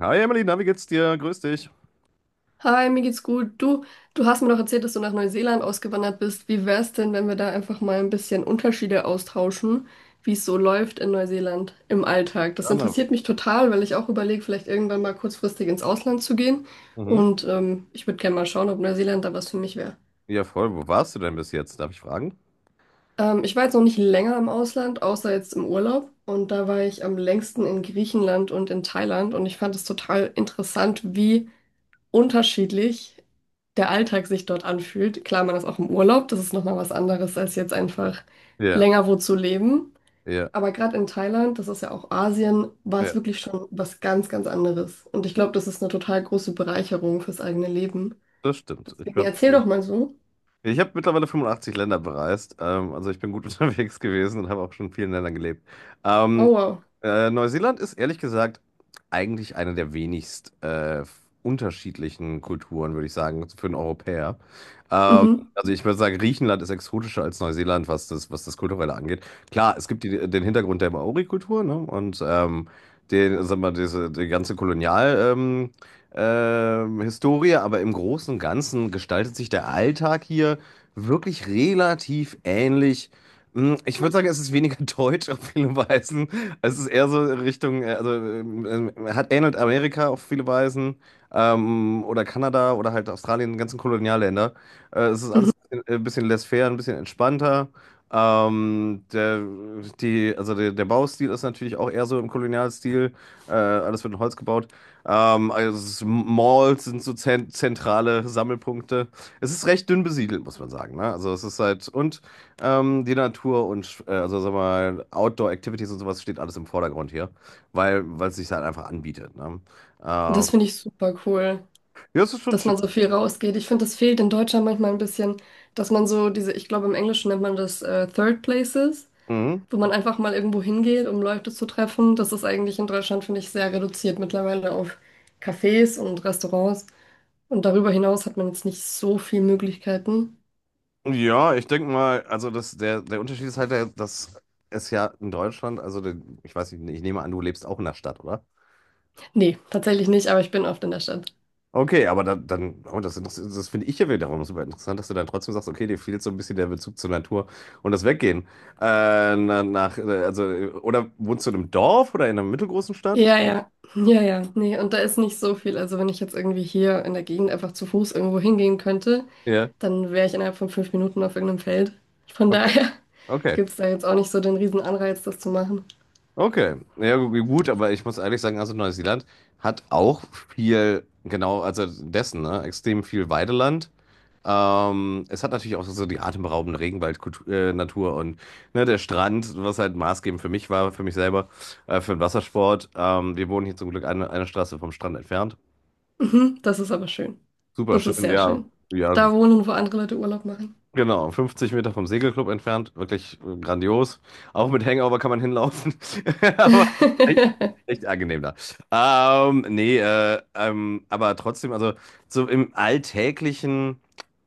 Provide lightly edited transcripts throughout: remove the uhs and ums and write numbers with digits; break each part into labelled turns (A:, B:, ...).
A: Hi Emily, na, wie geht's dir? Grüß dich.
B: Hi, mir geht's gut. Du hast mir doch erzählt, dass du nach Neuseeland ausgewandert bist. Wie wär's denn, wenn wir da einfach mal ein bisschen Unterschiede austauschen, wie es so läuft in Neuseeland im Alltag? Das
A: Gerne.
B: interessiert mich total, weil ich auch überlege, vielleicht irgendwann mal kurzfristig ins Ausland zu gehen.
A: Mhm.
B: Ich würde gerne mal schauen, ob Neuseeland da was für mich wäre.
A: Ja, voll. Wo warst du denn bis jetzt? Darf ich fragen?
B: Ich war jetzt noch nicht länger im Ausland, außer jetzt im Urlaub. Und da war ich am längsten in Griechenland und in Thailand. Und ich fand es total interessant, wie unterschiedlich der Alltag sich dort anfühlt. Klar, man ist auch im Urlaub, das ist nochmal was anderes, als jetzt einfach
A: Ja,
B: länger wo zu leben.
A: ja,
B: Aber gerade in Thailand, das ist ja auch Asien, war es
A: ja,
B: wirklich schon was ganz, ganz anderes. Und ich glaube, das ist eine total große Bereicherung fürs eigene Leben.
A: das stimmt. Ich
B: Deswegen
A: glaube,
B: erzähl doch mal so.
A: Ich habe mittlerweile 85 Länder bereist. Also ich bin gut unterwegs gewesen und habe auch schon in vielen Ländern gelebt.
B: Oh,
A: Ähm,
B: wow.
A: Neuseeland ist ehrlich gesagt eigentlich eine der wenigst unterschiedlichen Kulturen, würde ich sagen, für einen Europäer. Ähm,
B: Mhm.
A: also ich würde sagen, Griechenland ist exotischer als Neuseeland, was das Kulturelle angeht. Klar, es gibt den Hintergrund der Maori-Kultur, ne? Und sag mal, die ganze Kolonial. Historie, aber im Großen und Ganzen gestaltet sich der Alltag hier wirklich relativ ähnlich. Ich würde sagen, es ist weniger deutsch auf viele Weisen. Es ist eher so Richtung, also hat ähnelt Amerika auf viele Weisen oder Kanada oder halt Australien, die ganzen Kolonialländer. Es ist
B: Mhm.
A: alles ein bisschen laissez-faire, ein bisschen entspannter. Der, die, also der, Der Baustil ist natürlich auch eher so im Kolonialstil. Alles wird in Holz gebaut. Malls sind so zentrale Sammelpunkte. Es ist recht dünn besiedelt, muss man sagen. Ne? Also es ist halt, und die Natur und also sag mal, Outdoor-Activities und sowas steht alles im Vordergrund hier, weil es sich halt einfach anbietet. Ne? Ähm,
B: Das finde ich super cool,
A: ja, es ist schon
B: dass
A: schön.
B: man so viel rausgeht. Ich finde, das fehlt in Deutschland manchmal ein bisschen, dass man so diese, ich glaube, im Englischen nennt man das Third Places,
A: Mhm.
B: wo man einfach mal irgendwo hingeht, um Leute zu treffen. Das ist eigentlich in Deutschland, finde ich, sehr reduziert mittlerweile auf Cafés und Restaurants. Und darüber hinaus hat man jetzt nicht so viele Möglichkeiten.
A: Ja, ich denke mal, also der Unterschied ist halt, der, dass es ja in Deutschland, ich weiß nicht, ich nehme an, du lebst auch in der Stadt, oder?
B: Nee, tatsächlich nicht, aber ich bin oft in der Stadt.
A: Okay, aber dann oh, das finde ich ja wiederum super interessant, dass du dann trotzdem sagst, okay, dir fehlt so ein bisschen der Bezug zur Natur und das Weggehen. Oder wohnst du in einem Dorf oder in einer mittelgroßen Stadt?
B: Ja, ja, ja, ja, nee, und da ist nicht so viel. Also wenn ich jetzt irgendwie hier in der Gegend einfach zu Fuß irgendwo hingehen könnte,
A: Ja,
B: dann wäre ich innerhalb von 5 Minuten auf irgendeinem Feld. Von
A: okay,
B: daher
A: okay.
B: gibt es da jetzt auch nicht so den riesen Anreiz, das zu machen.
A: Okay, gut, aber ich muss ehrlich sagen, also Neuseeland hat auch viel, genau, also dessen, ne, extrem viel Weideland. Es hat natürlich auch so die atemberaubende Regenwaldnatur Natur und ne, der Strand, was halt maßgebend für mich war, für mich selber, für den Wassersport. Wir wohnen hier zum Glück eine Straße vom Strand entfernt.
B: Mhm, das ist aber schön.
A: Super
B: Das ist
A: schön,
B: sehr
A: ja,
B: schön.
A: ja,
B: Da wohnen, wo andere Leute Urlaub machen.
A: genau, 50 Meter vom Segelclub entfernt, wirklich grandios. Auch mit Hangover kann man hinlaufen, aber echt, echt angenehm da. Aber trotzdem, also so im Alltäglichen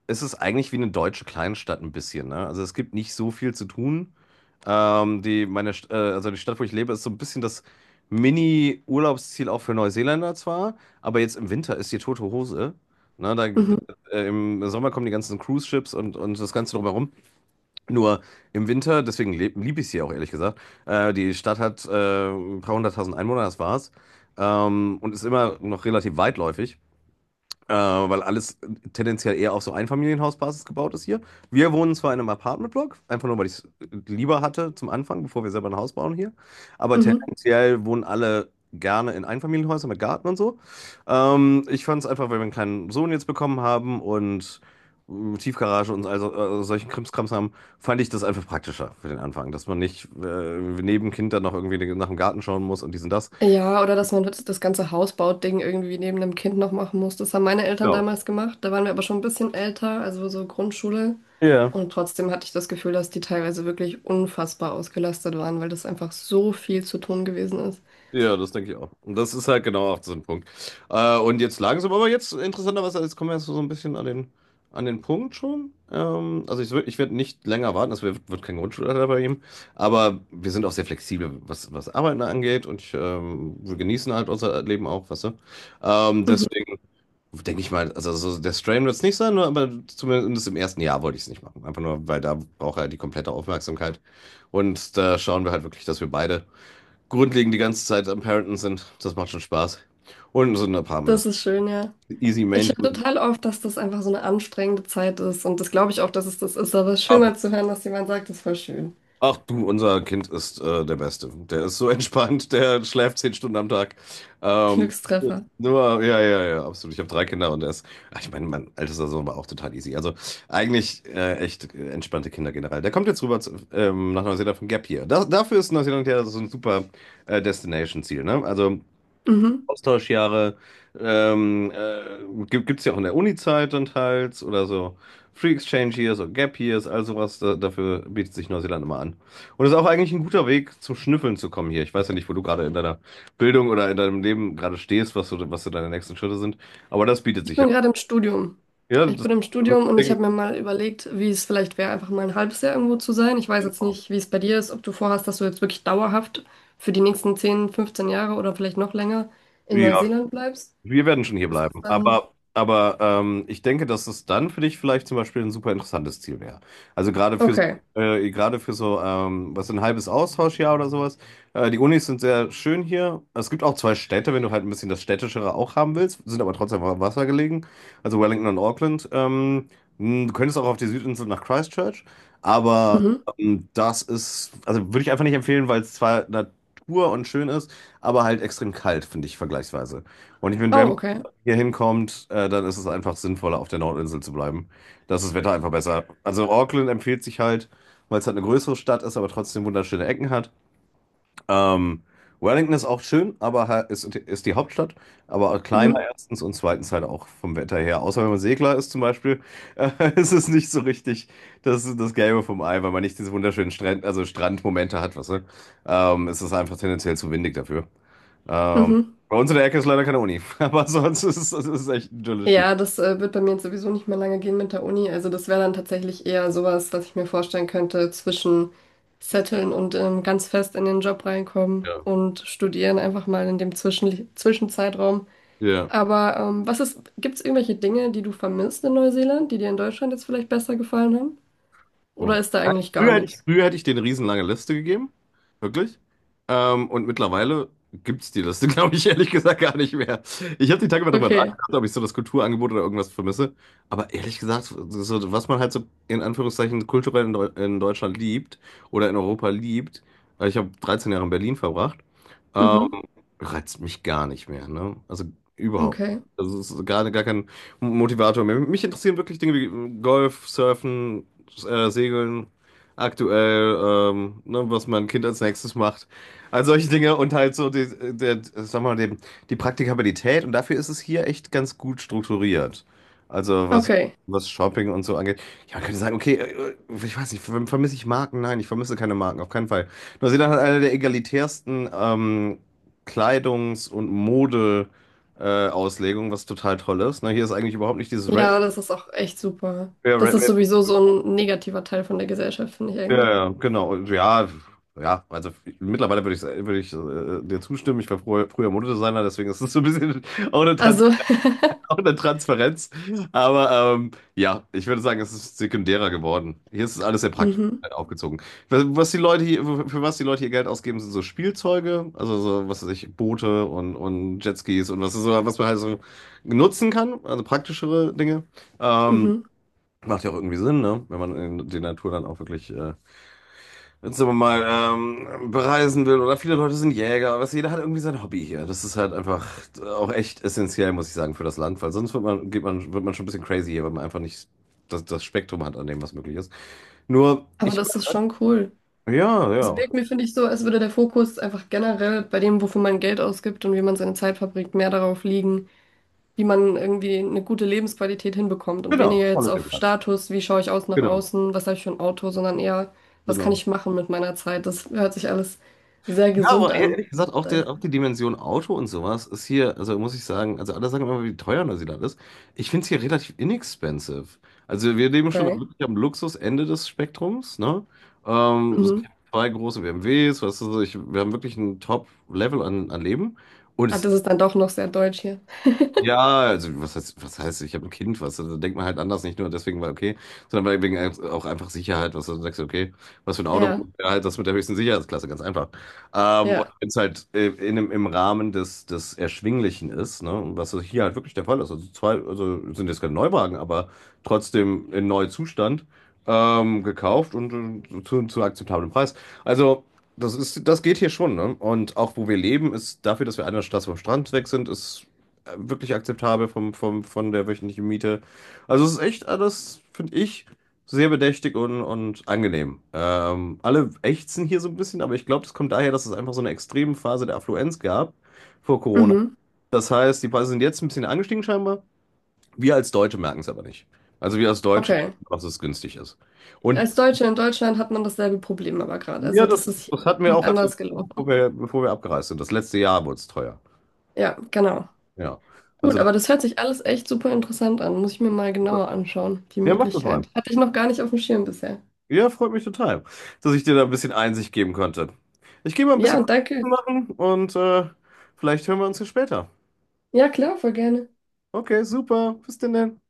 A: ist es eigentlich wie eine deutsche Kleinstadt ein bisschen, ne? Also es gibt nicht so viel zu tun. Also die Stadt, wo ich lebe, ist so ein bisschen das Mini-Urlaubsziel auch für Neuseeländer zwar, aber jetzt im Winter ist die tote Hose. Ne, da,
B: Mhm,
A: Im Sommer kommen die ganzen Cruise-Ships und das Ganze drumherum. Nur im Winter, deswegen liebe ich sie auch ehrlich gesagt. Die Stadt hat ein paar hunderttausend Einwohner, das war's. Und ist immer noch relativ weitläufig. Weil alles tendenziell eher auf so Einfamilienhausbasis gebaut ist hier. Wir wohnen zwar in einem Apartmentblock, einfach nur, weil ich es lieber hatte zum Anfang, bevor wir selber ein Haus bauen hier. Aber
B: mhm.
A: tendenziell wohnen alle gerne in Einfamilienhäusern mit Garten und so. Ich fand es einfach, weil wir einen kleinen Sohn jetzt bekommen haben und Tiefgarage und solchen Krimskrams haben, fand ich das einfach praktischer für den Anfang, dass man nicht neben Kind dann noch irgendwie nach dem Garten schauen muss und dies und das.
B: Ja, oder dass man das das ganze Hausbau-Ding irgendwie neben dem Kind noch machen muss. Das haben meine Eltern
A: Genau.
B: damals gemacht. Da waren wir aber schon ein bisschen älter, also so Grundschule.
A: Ja.
B: Und trotzdem hatte ich das Gefühl, dass die teilweise wirklich unfassbar ausgelastet waren, weil das einfach so viel zu tun gewesen ist.
A: Ja, das denke ich auch. Und das ist halt genau auch so ein Punkt. Und jetzt langsam, aber jetzt interessanterweise, jetzt kommen wir jetzt so ein bisschen an den Punkt schon. Ich werde nicht länger warten, wird kein Grundschulalter bei ihm. Aber wir sind auch sehr flexibel, was Arbeiten angeht. Und wir genießen halt unser Leben auch, weißt du.
B: Mhm.
A: Deswegen denke ich mal, also so der Strain wird es nicht sein, nur- aber zumindest im ersten Jahr wollte ich es nicht machen. Einfach nur, weil da braucht er die komplette Aufmerksamkeit. Und da schauen wir halt wirklich, dass wir beide grundlegend die ganze Zeit am Parenten sind. Das macht schon Spaß. Und sind ein paar Mal das
B: Das ist schön, ja.
A: easy
B: Ich höre
A: maintain.
B: total oft, dass das einfach so eine anstrengende Zeit ist. Und das glaube ich auch, dass es das ist. Aber es ist schön
A: Aber
B: mal zu hören, dass jemand sagt, das ist voll schön.
A: ach du, unser Kind ist der Beste. Der ist so entspannt, der schläft 10 Stunden am Tag. Ähm,
B: Glückstreffer.
A: Nur, ja, ja, ja, absolut. Ich habe 3 Kinder und er ist, ach, ich meine, mein ältester Sohn war auch total easy. Also eigentlich echt entspannte Kinder generell. Der kommt jetzt rüber nach Neuseeland von Gap hier. Dafür ist Neuseeland ja so ein super Destination-Ziel. Ne? Also
B: Mhm.
A: Austauschjahre gibt es ja auch in der Uni-Zeit dann teils oder so Free Exchange Years oder Gap Years, all sowas. Dafür bietet sich Neuseeland immer an. Und das ist auch eigentlich ein guter Weg zum Schnüffeln zu kommen hier. Ich weiß ja nicht, wo du gerade in deiner Bildung oder in deinem Leben gerade stehst, was so deine nächsten Schritte sind, aber das bietet
B: Ich
A: sich ja.
B: bin gerade im Studium.
A: Ja,
B: Ich
A: das,
B: bin im
A: das
B: Studium und ich
A: Ding.
B: habe mir mal überlegt, wie es vielleicht wäre, einfach mal ein halbes Jahr irgendwo zu sein. Ich weiß jetzt nicht, wie es bei dir ist, ob du vorhast, dass du jetzt wirklich dauerhaft für die nächsten 10, 15 Jahre oder vielleicht noch länger in
A: Ja,
B: Neuseeland bleibst.
A: wir werden schon hier
B: Ist das
A: bleiben.
B: dann.
A: Aber ich denke, dass es dann für dich vielleicht zum Beispiel ein super interessantes Ziel wäre. Also gerade für, so-
B: Okay.
A: gerade für was ein halbes Austauschjahr oder sowas. Die Unis sind sehr schön hier. Es gibt auch zwei Städte, wenn du halt ein bisschen das Städtischere auch haben willst, sind aber trotzdem am Wasser gelegen. Also Wellington und Auckland. Du könntest auch auf die Südinsel nach Christchurch. Aber
B: Mhm.
A: das ist, also würde ich einfach nicht empfehlen, weil es zwar Natur und schön ist, aber halt extrem kalt, finde ich vergleichsweise. Und ich finde, wenn
B: Oh,
A: man
B: okay.
A: hier hinkommt, dann ist es einfach sinnvoller, auf der Nordinsel zu bleiben. Da ist das Wetter einfach besser. Also Auckland empfiehlt sich halt, weil es halt eine größere Stadt ist, aber trotzdem wunderschöne Ecken hat. Ähm, Wellington ist auch schön, aber ist die Hauptstadt, aber auch kleiner
B: Mhm.
A: erstens und zweitens halt auch vom Wetter her. Außer wenn man Segler ist zum Beispiel, äh, ist es nicht so richtig das Gelbe vom Ei, weil man nicht diese wunderschönen Strandmomente hat, weißt du? Es ist einfach tendenziell zu windig dafür. Ähm,
B: Mhm.
A: Bei uns in der Ecke ist leider keine Uni, aber sonst ist es echt idyllisch hier.
B: Ja, das wird bei mir jetzt sowieso nicht mehr lange gehen mit der Uni. Also das wäre dann tatsächlich eher sowas, was ich mir vorstellen könnte zwischen Zetteln und ganz fest in den Job reinkommen
A: Ja.
B: und studieren einfach mal in dem Zwischenzeitraum.
A: Ja.
B: Aber was ist, gibt's irgendwelche Dinge, die du vermisst in Neuseeland, die dir in Deutschland jetzt vielleicht besser gefallen haben? Oder
A: Mhm.
B: ist da
A: Nein,
B: eigentlich gar nichts?
A: Früher hätte ich denen eine riesenlange Liste gegeben. Wirklich. Und mittlerweile gibt es die Liste, glaube ich, ehrlich gesagt gar nicht mehr. Ich habe die Tage mal drüber
B: Okay.
A: nachgedacht, ob ich so das Kulturangebot oder irgendwas vermisse. Aber ehrlich gesagt, so, was man halt so in Anführungszeichen kulturell in Deutschland liebt oder in Europa liebt, weil ich habe 13 Jahre in Berlin verbracht, ähm,
B: Mhm.
A: reizt mich gar nicht mehr. Ne? Also überhaupt nicht.
B: Okay.
A: Das ist gar kein Motivator mehr. Mich interessieren wirklich Dinge wie Golf, Surfen Segeln, aktuell, ne, was mein Kind als nächstes macht. All solche Dinge und halt so sag mal, die Praktikabilität und dafür ist es hier echt ganz gut strukturiert. Also was,
B: Okay.
A: was Shopping und so angeht. Ja, man könnte sagen, okay, ich weiß nicht, vermisse ich Marken? Nein, ich vermisse keine Marken, auf keinen Fall. Neuseeland hat eine der egalitärsten Kleidungs- und Mode- Auslegungen, was total toll ist. Ne, hier ist eigentlich überhaupt nicht dieses Red,
B: Ja, das ist auch echt super. Das ist sowieso so ein negativer Teil von der Gesellschaft, finde ich
A: ja,
B: eigentlich.
A: ja, genau. Ja, ja, also mittlerweile würde ich dir zustimmen. Früher Modedesigner, deswegen ist es so ein bisschen auch eine, Trans
B: Also,
A: auch eine Transparenz. Aber ähm, ja, ich würde sagen, es ist sekundärer geworden. Hier ist es alles sehr praktisch
B: mhm,
A: halt aufgezogen. Was die Leute hier, für was die Leute hier Geld ausgeben, sind so Spielzeuge, also so, was weiß ich, Boote und Jetskis und was, so, was man halt so nutzen kann, also praktischere Dinge. Ähm,
B: mhm.
A: Macht ja auch irgendwie Sinn, ne? Wenn man in die Natur dann auch wirklich sagen wir mal, bereisen will oder viele Leute sind Jäger, was jeder hat irgendwie sein Hobby hier. Das ist halt einfach auch echt essentiell, muss ich sagen, für das Land, weil sonst wird man wird man schon ein bisschen crazy hier, weil man einfach nicht das Spektrum hat an dem, was möglich ist. Nur,
B: Aber
A: ich,
B: das ist schon cool.
A: ja,
B: Es
A: ja,
B: wirkt mir, finde ich, so, als würde der Fokus einfach generell bei dem, wofür man Geld ausgibt und wie man seine Zeit verbringt, mehr darauf liegen, wie man irgendwie eine gute Lebensqualität hinbekommt und
A: genau,
B: weniger jetzt
A: Politics.
B: auf Status, wie schaue ich aus nach
A: Genau,
B: außen, was habe ich für ein Auto, sondern eher, was kann
A: genau.
B: ich machen mit meiner Zeit. Das hört sich alles sehr
A: Ja,
B: gesund
A: aber
B: an.
A: ehrlich gesagt, auch die Dimension Auto und sowas ist hier, also muss ich sagen, also alle sagen immer, wie teuer Neuseeland ist. Ich finde es hier relativ inexpensive. Also wir leben schon
B: Okay.
A: wirklich am Luxusende des Spektrums, ne? So
B: Mhm.
A: zwei große BMWs, weißt du, wir haben wirklich ein Top-Level an, an Leben. Und
B: Ah,
A: es
B: das ist dann doch noch sehr deutsch hier.
A: ja, was heißt, ich habe ein Kind, was? Da denkt man halt anders, nicht nur deswegen, weil okay, sondern weil auch einfach Sicherheit, was du sagst, okay, was für ein Auto,
B: Ja,
A: ja, halt das mit der höchsten Sicherheitsklasse, ganz einfach. Und
B: ja.
A: wenn es halt im Rahmen des, des Erschwinglichen ist, ne, und was hier halt wirklich der Fall ist, also zwei, also sind jetzt keine Neuwagen, aber trotzdem in neuem Zustand gekauft und zu akzeptablem Preis. Also das geht hier schon, ne? Und auch wo wir leben, ist dafür, dass wir einer Straße vom Strand weg sind, ist wirklich akzeptabel von der wöchentlichen Miete. Also es ist echt alles, finde ich, sehr bedächtig und angenehm. Alle ächzen hier so ein bisschen, aber ich glaube, das kommt daher, dass es einfach so eine extreme Phase der Affluenz gab vor Corona.
B: Mhm.
A: Das heißt, die Preise sind jetzt ein bisschen angestiegen scheinbar. Wir als Deutsche merken es aber nicht. Also wir als Deutsche
B: Okay.
A: denken, dass es günstig ist. Und
B: Als Deutsche in Deutschland hat man dasselbe Problem aber gerade. Also
A: wir,
B: das
A: das,
B: ist hier
A: das hatten wir
B: nicht
A: auch,
B: anders
A: bevor
B: gelaufen.
A: bevor wir abgereist sind. Das letzte Jahr wurde es teuer.
B: Ja, genau.
A: Ja.
B: Gut,
A: Also das,
B: aber das hört sich alles echt super interessant an. Muss ich mir mal genauer anschauen, die
A: ja, macht das mal.
B: Möglichkeit. Hatte ich noch gar nicht auf dem Schirm bisher.
A: Ja, freut mich total, dass ich dir da ein bisschen Einsicht geben konnte. Ich gehe mal ein bisschen
B: Ja,
A: was
B: danke.
A: machen und vielleicht hören wir uns ja später.
B: Ja, klar, voll gerne.
A: Okay, super. Bis denn dann.